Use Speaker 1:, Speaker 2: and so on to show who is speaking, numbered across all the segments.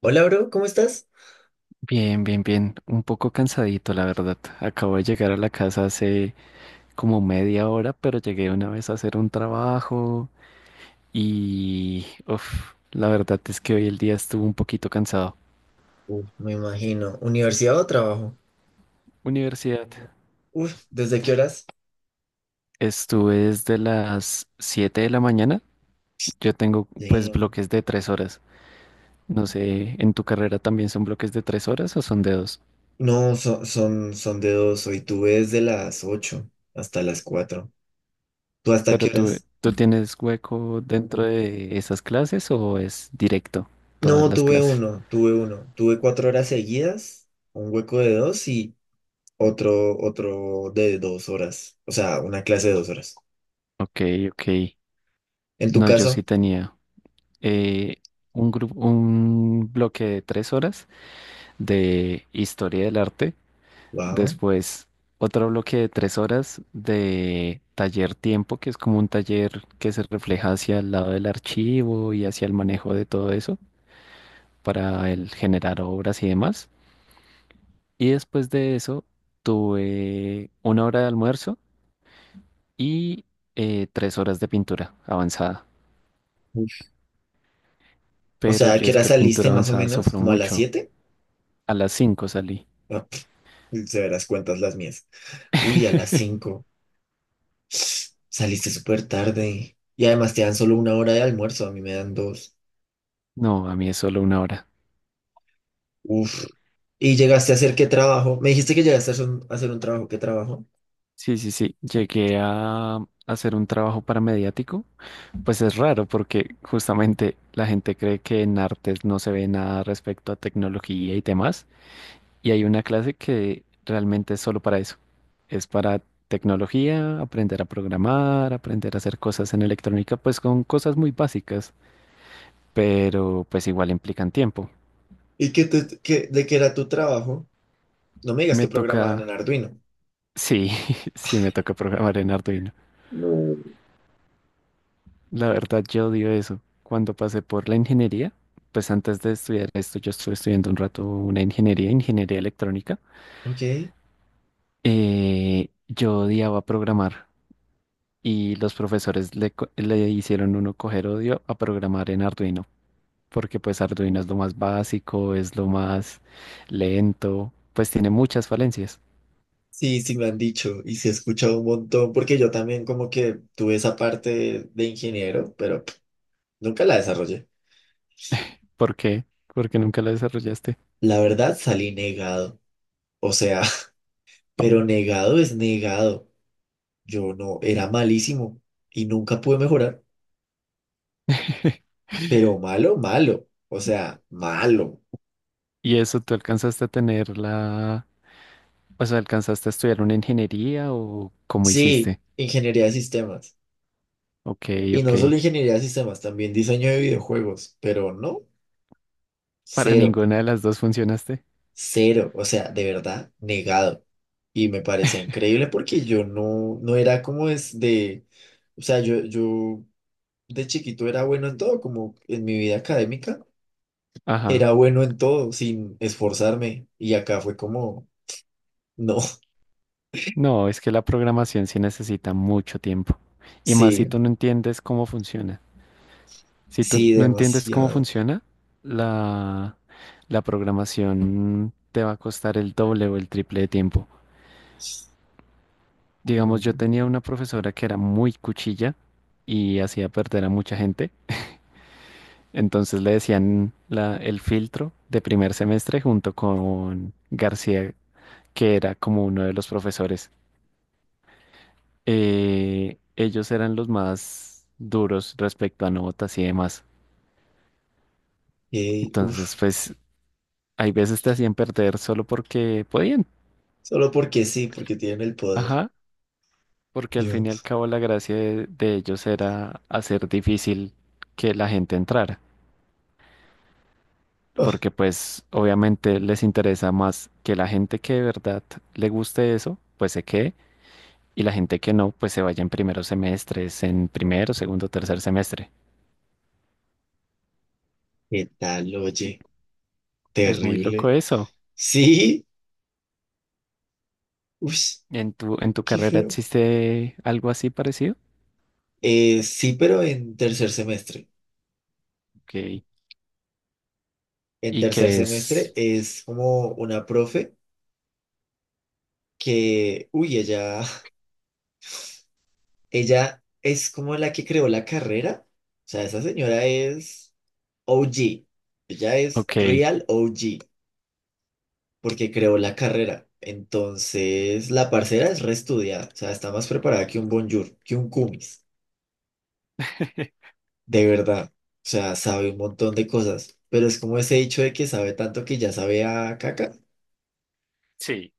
Speaker 1: Hola, bro, ¿cómo estás?
Speaker 2: Bien, bien, bien. Un poco cansadito, la verdad. Acabo de llegar a la casa hace como media hora, pero llegué una vez a hacer un trabajo y, uf, la verdad es que hoy el día estuvo un poquito cansado.
Speaker 1: Uf, me imagino. ¿Universidad o trabajo?
Speaker 2: Universidad.
Speaker 1: Uf, ¿desde qué horas?
Speaker 2: Estuve desde las 7 de la mañana. Yo tengo pues
Speaker 1: Damn.
Speaker 2: bloques de 3 horas. No sé, ¿en tu carrera también son bloques de 3 horas o son de 2?
Speaker 1: No, son de dos. Hoy tuve desde las 8 hasta las 4. ¿Tú hasta
Speaker 2: Pero
Speaker 1: qué
Speaker 2: tú,
Speaker 1: horas?
Speaker 2: ¿tú tienes hueco dentro de esas clases o es directo todas
Speaker 1: No,
Speaker 2: las
Speaker 1: tuve
Speaker 2: clases?
Speaker 1: uno, tuve uno. Tuve cuatro horas seguidas, un hueco de dos y otro de dos horas. O sea, una clase de dos horas.
Speaker 2: Ok, ok.
Speaker 1: En tu
Speaker 2: No, yo sí
Speaker 1: caso,
Speaker 2: tenía eh, un grupo, un bloque de 3 horas de historia del arte,
Speaker 1: wow.
Speaker 2: después otro bloque de 3 horas de taller tiempo, que es como un taller que se refleja hacia el lado del archivo y hacia el manejo de todo eso para el generar obras y demás. Y después de eso tuve una hora de almuerzo y 3 horas de pintura avanzada.
Speaker 1: Uf. O
Speaker 2: Pero
Speaker 1: sea, ¿a
Speaker 2: yo
Speaker 1: qué
Speaker 2: es
Speaker 1: hora
Speaker 2: que
Speaker 1: saliste
Speaker 2: pintura
Speaker 1: más o
Speaker 2: avanzada
Speaker 1: menos?
Speaker 2: sufro
Speaker 1: ¿Como a las
Speaker 2: mucho.
Speaker 1: 7?
Speaker 2: A las 5 salí.
Speaker 1: Ah, pf, se verás cuentas las mías. Uy, a las 5. Saliste súper tarde. Y además te dan solo una hora de almuerzo, a mí me dan dos.
Speaker 2: No, a mí es solo una hora.
Speaker 1: Uf. ¿Y llegaste a hacer qué trabajo? Me dijiste que llegaste a hacer un trabajo. ¿Qué trabajo?
Speaker 2: Sí, sí, sí. Llegué a hacer un trabajo paramediático. Pues es raro porque justamente la gente cree que en artes no se ve nada respecto a tecnología y demás. Y hay una clase que realmente es solo para eso. Es para tecnología, aprender a programar, aprender a hacer cosas en electrónica, pues con cosas muy básicas, pero pues igual implican tiempo.
Speaker 1: ¿Y de qué era tu trabajo? No me digas
Speaker 2: Me
Speaker 1: que programaban en
Speaker 2: toca,
Speaker 1: Arduino.
Speaker 2: sí, sí me toca programar en Arduino.
Speaker 1: No.
Speaker 2: La verdad, yo odio eso. Cuando pasé por la ingeniería, pues antes de estudiar esto, yo estuve estudiando un rato una ingeniería, ingeniería electrónica.
Speaker 1: Ok.
Speaker 2: Yo odiaba programar y los profesores le hicieron uno coger odio a programar en Arduino, porque pues Arduino es lo más básico, es lo más lento, pues tiene muchas falencias.
Speaker 1: Sí, sí me han dicho y se ha escuchado un montón porque yo también como que tuve esa parte de ingeniero, pero nunca la desarrollé.
Speaker 2: ¿Por qué? Porque nunca lo desarrollaste.
Speaker 1: La verdad salí negado. O sea, pero negado es negado. Yo no, era malísimo y nunca pude mejorar, pero malo, malo, o sea, malo.
Speaker 2: ¿Y eso tú alcanzaste a tener la... O sea, ¿alcanzaste a estudiar una ingeniería o cómo
Speaker 1: Sí,
Speaker 2: hiciste?
Speaker 1: ingeniería de sistemas.
Speaker 2: Ok,
Speaker 1: Y
Speaker 2: ok.
Speaker 1: no solo ingeniería de sistemas, también diseño de videojuegos, pero no,
Speaker 2: Para
Speaker 1: cero,
Speaker 2: ninguna de las dos funcionaste.
Speaker 1: cero, o sea, de verdad, negado. Y me parecía increíble porque yo no, no era como es de, o sea, yo de chiquito era bueno en todo, como en mi vida académica,
Speaker 2: Ajá.
Speaker 1: era bueno en todo sin esforzarme. Y acá fue como, no,
Speaker 2: No, es que la programación sí necesita mucho tiempo. Y más si
Speaker 1: sí.
Speaker 2: tú no entiendes cómo funciona. Si tú
Speaker 1: Sí,
Speaker 2: no entiendes cómo
Speaker 1: demasiado.
Speaker 2: funciona, la, la programación te va a costar el doble o el triple de tiempo. Digamos, yo
Speaker 1: Mm,
Speaker 2: tenía una profesora que era muy cuchilla y hacía perder a mucha gente. Entonces le decían el filtro de primer semestre junto con García, que era como uno de los profesores. Ellos eran los más duros respecto a notas y demás.
Speaker 1: ey,
Speaker 2: Entonces,
Speaker 1: uf,
Speaker 2: pues, hay veces te hacían perder solo porque podían.
Speaker 1: solo porque sí, porque tienen el poder.
Speaker 2: Ajá, porque al
Speaker 1: Yo,
Speaker 2: fin y al cabo la gracia de ellos era hacer difícil que la gente entrara.
Speaker 1: ah,
Speaker 2: Porque pues obviamente les interesa más que la gente que de verdad le guste eso, pues se quede, y la gente que no, pues se vaya en primeros semestres, en primero, segundo, tercer semestre.
Speaker 1: ¿qué tal? Oye,
Speaker 2: Es muy loco
Speaker 1: terrible.
Speaker 2: eso.
Speaker 1: Sí, uf,
Speaker 2: ¿En tu
Speaker 1: qué
Speaker 2: carrera
Speaker 1: feo.
Speaker 2: existe algo así parecido?
Speaker 1: Sí, pero en tercer semestre.
Speaker 2: Ok.
Speaker 1: En
Speaker 2: Y
Speaker 1: tercer
Speaker 2: que
Speaker 1: semestre
Speaker 2: es,
Speaker 1: es como una profe que, uy, ella, ella es como la que creó la carrera. O sea, esa señora es OG. Ella es
Speaker 2: ok,
Speaker 1: real OG porque creó la carrera. Entonces, la parcera es reestudiada, o sea, está más preparada que un Bonjour, que un Cumis, de verdad. O sea, sabe un montón de cosas, pero es como ese dicho de que sabe tanto que ya sabe a caca.
Speaker 2: sí,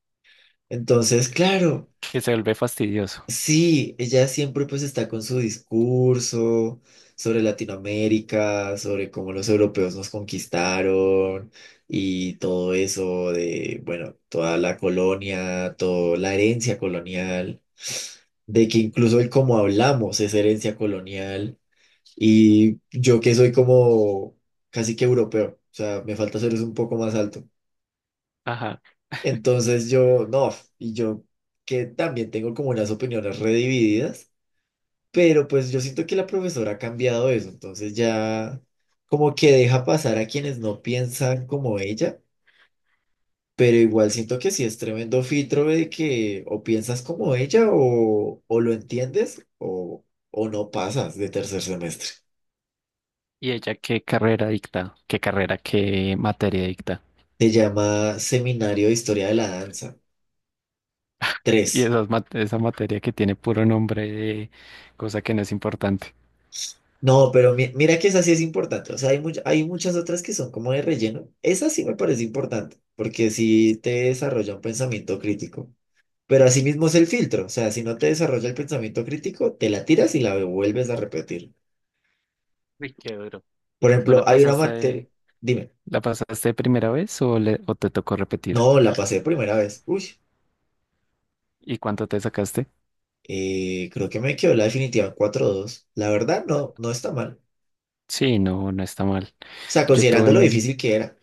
Speaker 1: Entonces, claro,
Speaker 2: que se vuelve fastidioso.
Speaker 1: sí, ella siempre pues está con su discurso sobre Latinoamérica, sobre cómo los europeos nos conquistaron y todo eso de, bueno, toda la colonia, toda la herencia colonial. De que incluso el cómo hablamos es herencia colonial, y yo que soy como casi que europeo, o sea, me falta ser un poco más alto.
Speaker 2: Ajá.
Speaker 1: Entonces yo, no, y yo que también tengo como unas opiniones redivididas, pero pues yo siento que la profesora ha cambiado eso, entonces ya como que deja pasar a quienes no piensan como ella. Pero igual siento que sí es tremendo filtro de que o piensas como ella o, lo entiendes o no pasas de tercer semestre.
Speaker 2: ¿Y ella qué carrera dicta? ¿Qué carrera, qué materia dicta?
Speaker 1: Se llama Seminario de Historia de la Danza
Speaker 2: Y
Speaker 1: Tres.
Speaker 2: esas esa materia que tiene puro nombre de cosa que no es importante.
Speaker 1: No, pero mira que esa sí es importante. O sea, hay muchas otras que son como de relleno. Esa sí me parece importante porque sí te desarrolla un pensamiento crítico. Pero asimismo es el filtro. O sea, si no te desarrolla el pensamiento crítico, te la tiras y la vuelves a repetir.
Speaker 2: Uy, qué duro.
Speaker 1: Por
Speaker 2: ¿Tú la
Speaker 1: ejemplo, hay una
Speaker 2: pasaste,
Speaker 1: materia. Dime.
Speaker 2: la pasaste de primera vez o, o te tocó repetir?
Speaker 1: No, la pasé primera vez. Uy,
Speaker 2: ¿Y cuánto te sacaste?
Speaker 1: creo que me quedó la definitiva en 4-2. La verdad, no, no está mal. O
Speaker 2: Sí, no, no está mal.
Speaker 1: sea,
Speaker 2: Yo
Speaker 1: considerando lo
Speaker 2: tuve,
Speaker 1: difícil que era.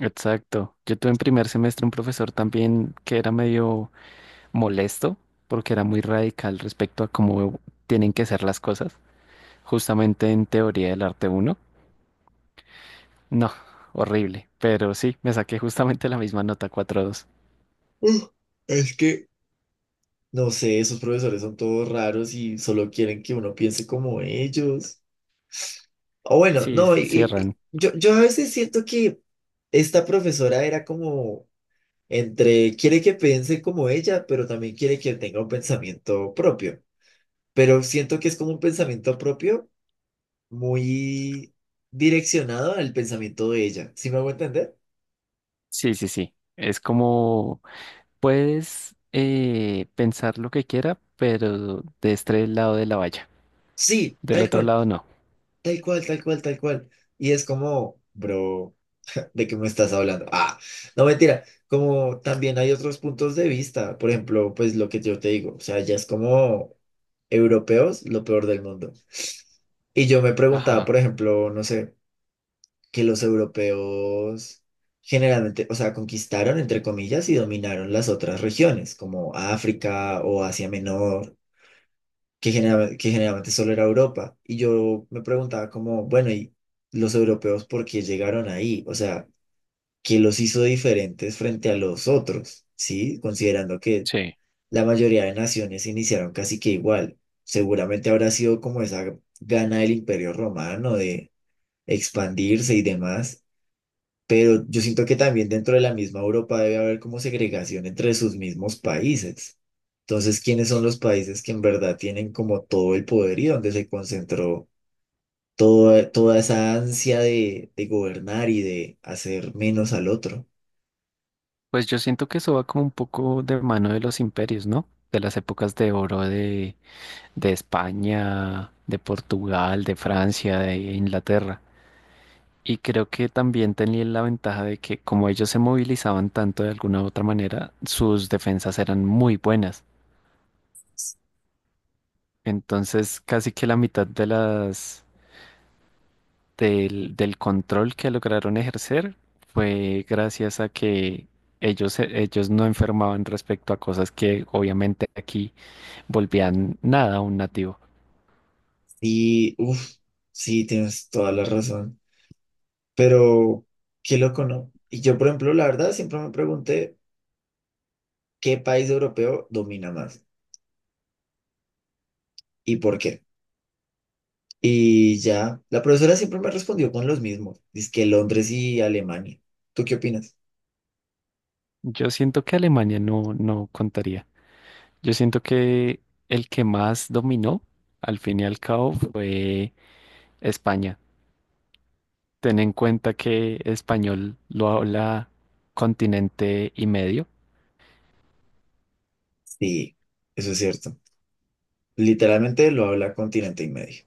Speaker 2: Exacto. Yo tuve en primer semestre un profesor también que era medio molesto porque era muy radical respecto a cómo tienen que ser las cosas, justamente en teoría del arte uno. No, horrible, pero sí, me saqué justamente la misma nota 4,2.
Speaker 1: Uh, es que, no sé, esos profesores son todos raros y solo quieren que uno piense como ellos. O bueno,
Speaker 2: Sí,
Speaker 1: no, y- y- y
Speaker 2: cierran.
Speaker 1: yo, yo a veces siento que esta profesora era como entre quiere que piense como ella, pero también quiere que tenga un pensamiento propio. Pero siento que es como un pensamiento propio muy direccionado al pensamiento de ella. ¿Sí me hago entender?
Speaker 2: Sí, sí, sí. Es como, puedes pensar lo que quiera, pero de este lado de la valla.
Speaker 1: Sí,
Speaker 2: Del
Speaker 1: tal
Speaker 2: otro
Speaker 1: cual,
Speaker 2: lado no.
Speaker 1: tal cual, tal cual, tal cual. Y es como, bro, ¿de qué me estás hablando? Ah, no mentira, como también hay otros puntos de vista, por ejemplo, pues lo que yo te digo, o sea, ya es como europeos, lo peor del mundo. Y yo me preguntaba,
Speaker 2: Ajá.
Speaker 1: por ejemplo, no sé, que los europeos generalmente, o sea, conquistaron, entre comillas, y dominaron las otras regiones, como África o Asia Menor, que generalmente solo era Europa. Y yo me preguntaba como, bueno, ¿y los europeos por qué llegaron ahí? O sea, ¿qué los hizo diferentes frente a los otros? ¿Sí? Considerando que
Speaker 2: Sí.
Speaker 1: la mayoría de naciones iniciaron casi que igual. Seguramente habrá sido como esa gana del Imperio Romano de expandirse y demás, pero yo siento que también dentro de la misma Europa debe haber como segregación entre sus mismos países. Entonces, ¿quiénes son los países que en verdad tienen como todo el poder y donde se concentró toda, toda esa ansia de gobernar y de hacer menos al otro?
Speaker 2: Pues yo siento que eso va como un poco de mano de los imperios, ¿no? De las épocas de oro de España, de Portugal, de Francia, de Inglaterra. Y creo que también tenían la ventaja de que como ellos se movilizaban tanto de alguna u otra manera, sus defensas eran muy buenas. Entonces, casi que la mitad de del control que lograron ejercer fue gracias a que ellos no enfermaban respecto a cosas que obviamente aquí volvían nada a un nativo.
Speaker 1: Y, uff, sí, tienes toda la razón. Pero, qué loco, ¿no? Y yo, por ejemplo, la verdad, siempre me pregunté qué país europeo domina más y por qué. Y ya, la profesora siempre me respondió con los mismos, que Londres y Alemania. ¿Tú qué opinas?
Speaker 2: Yo siento que Alemania no, no contaría. Yo siento que el que más dominó, al fin y al cabo, fue España. Ten en cuenta que español lo habla continente y medio.
Speaker 1: Sí, eso es cierto. Literalmente lo habla continente y medio.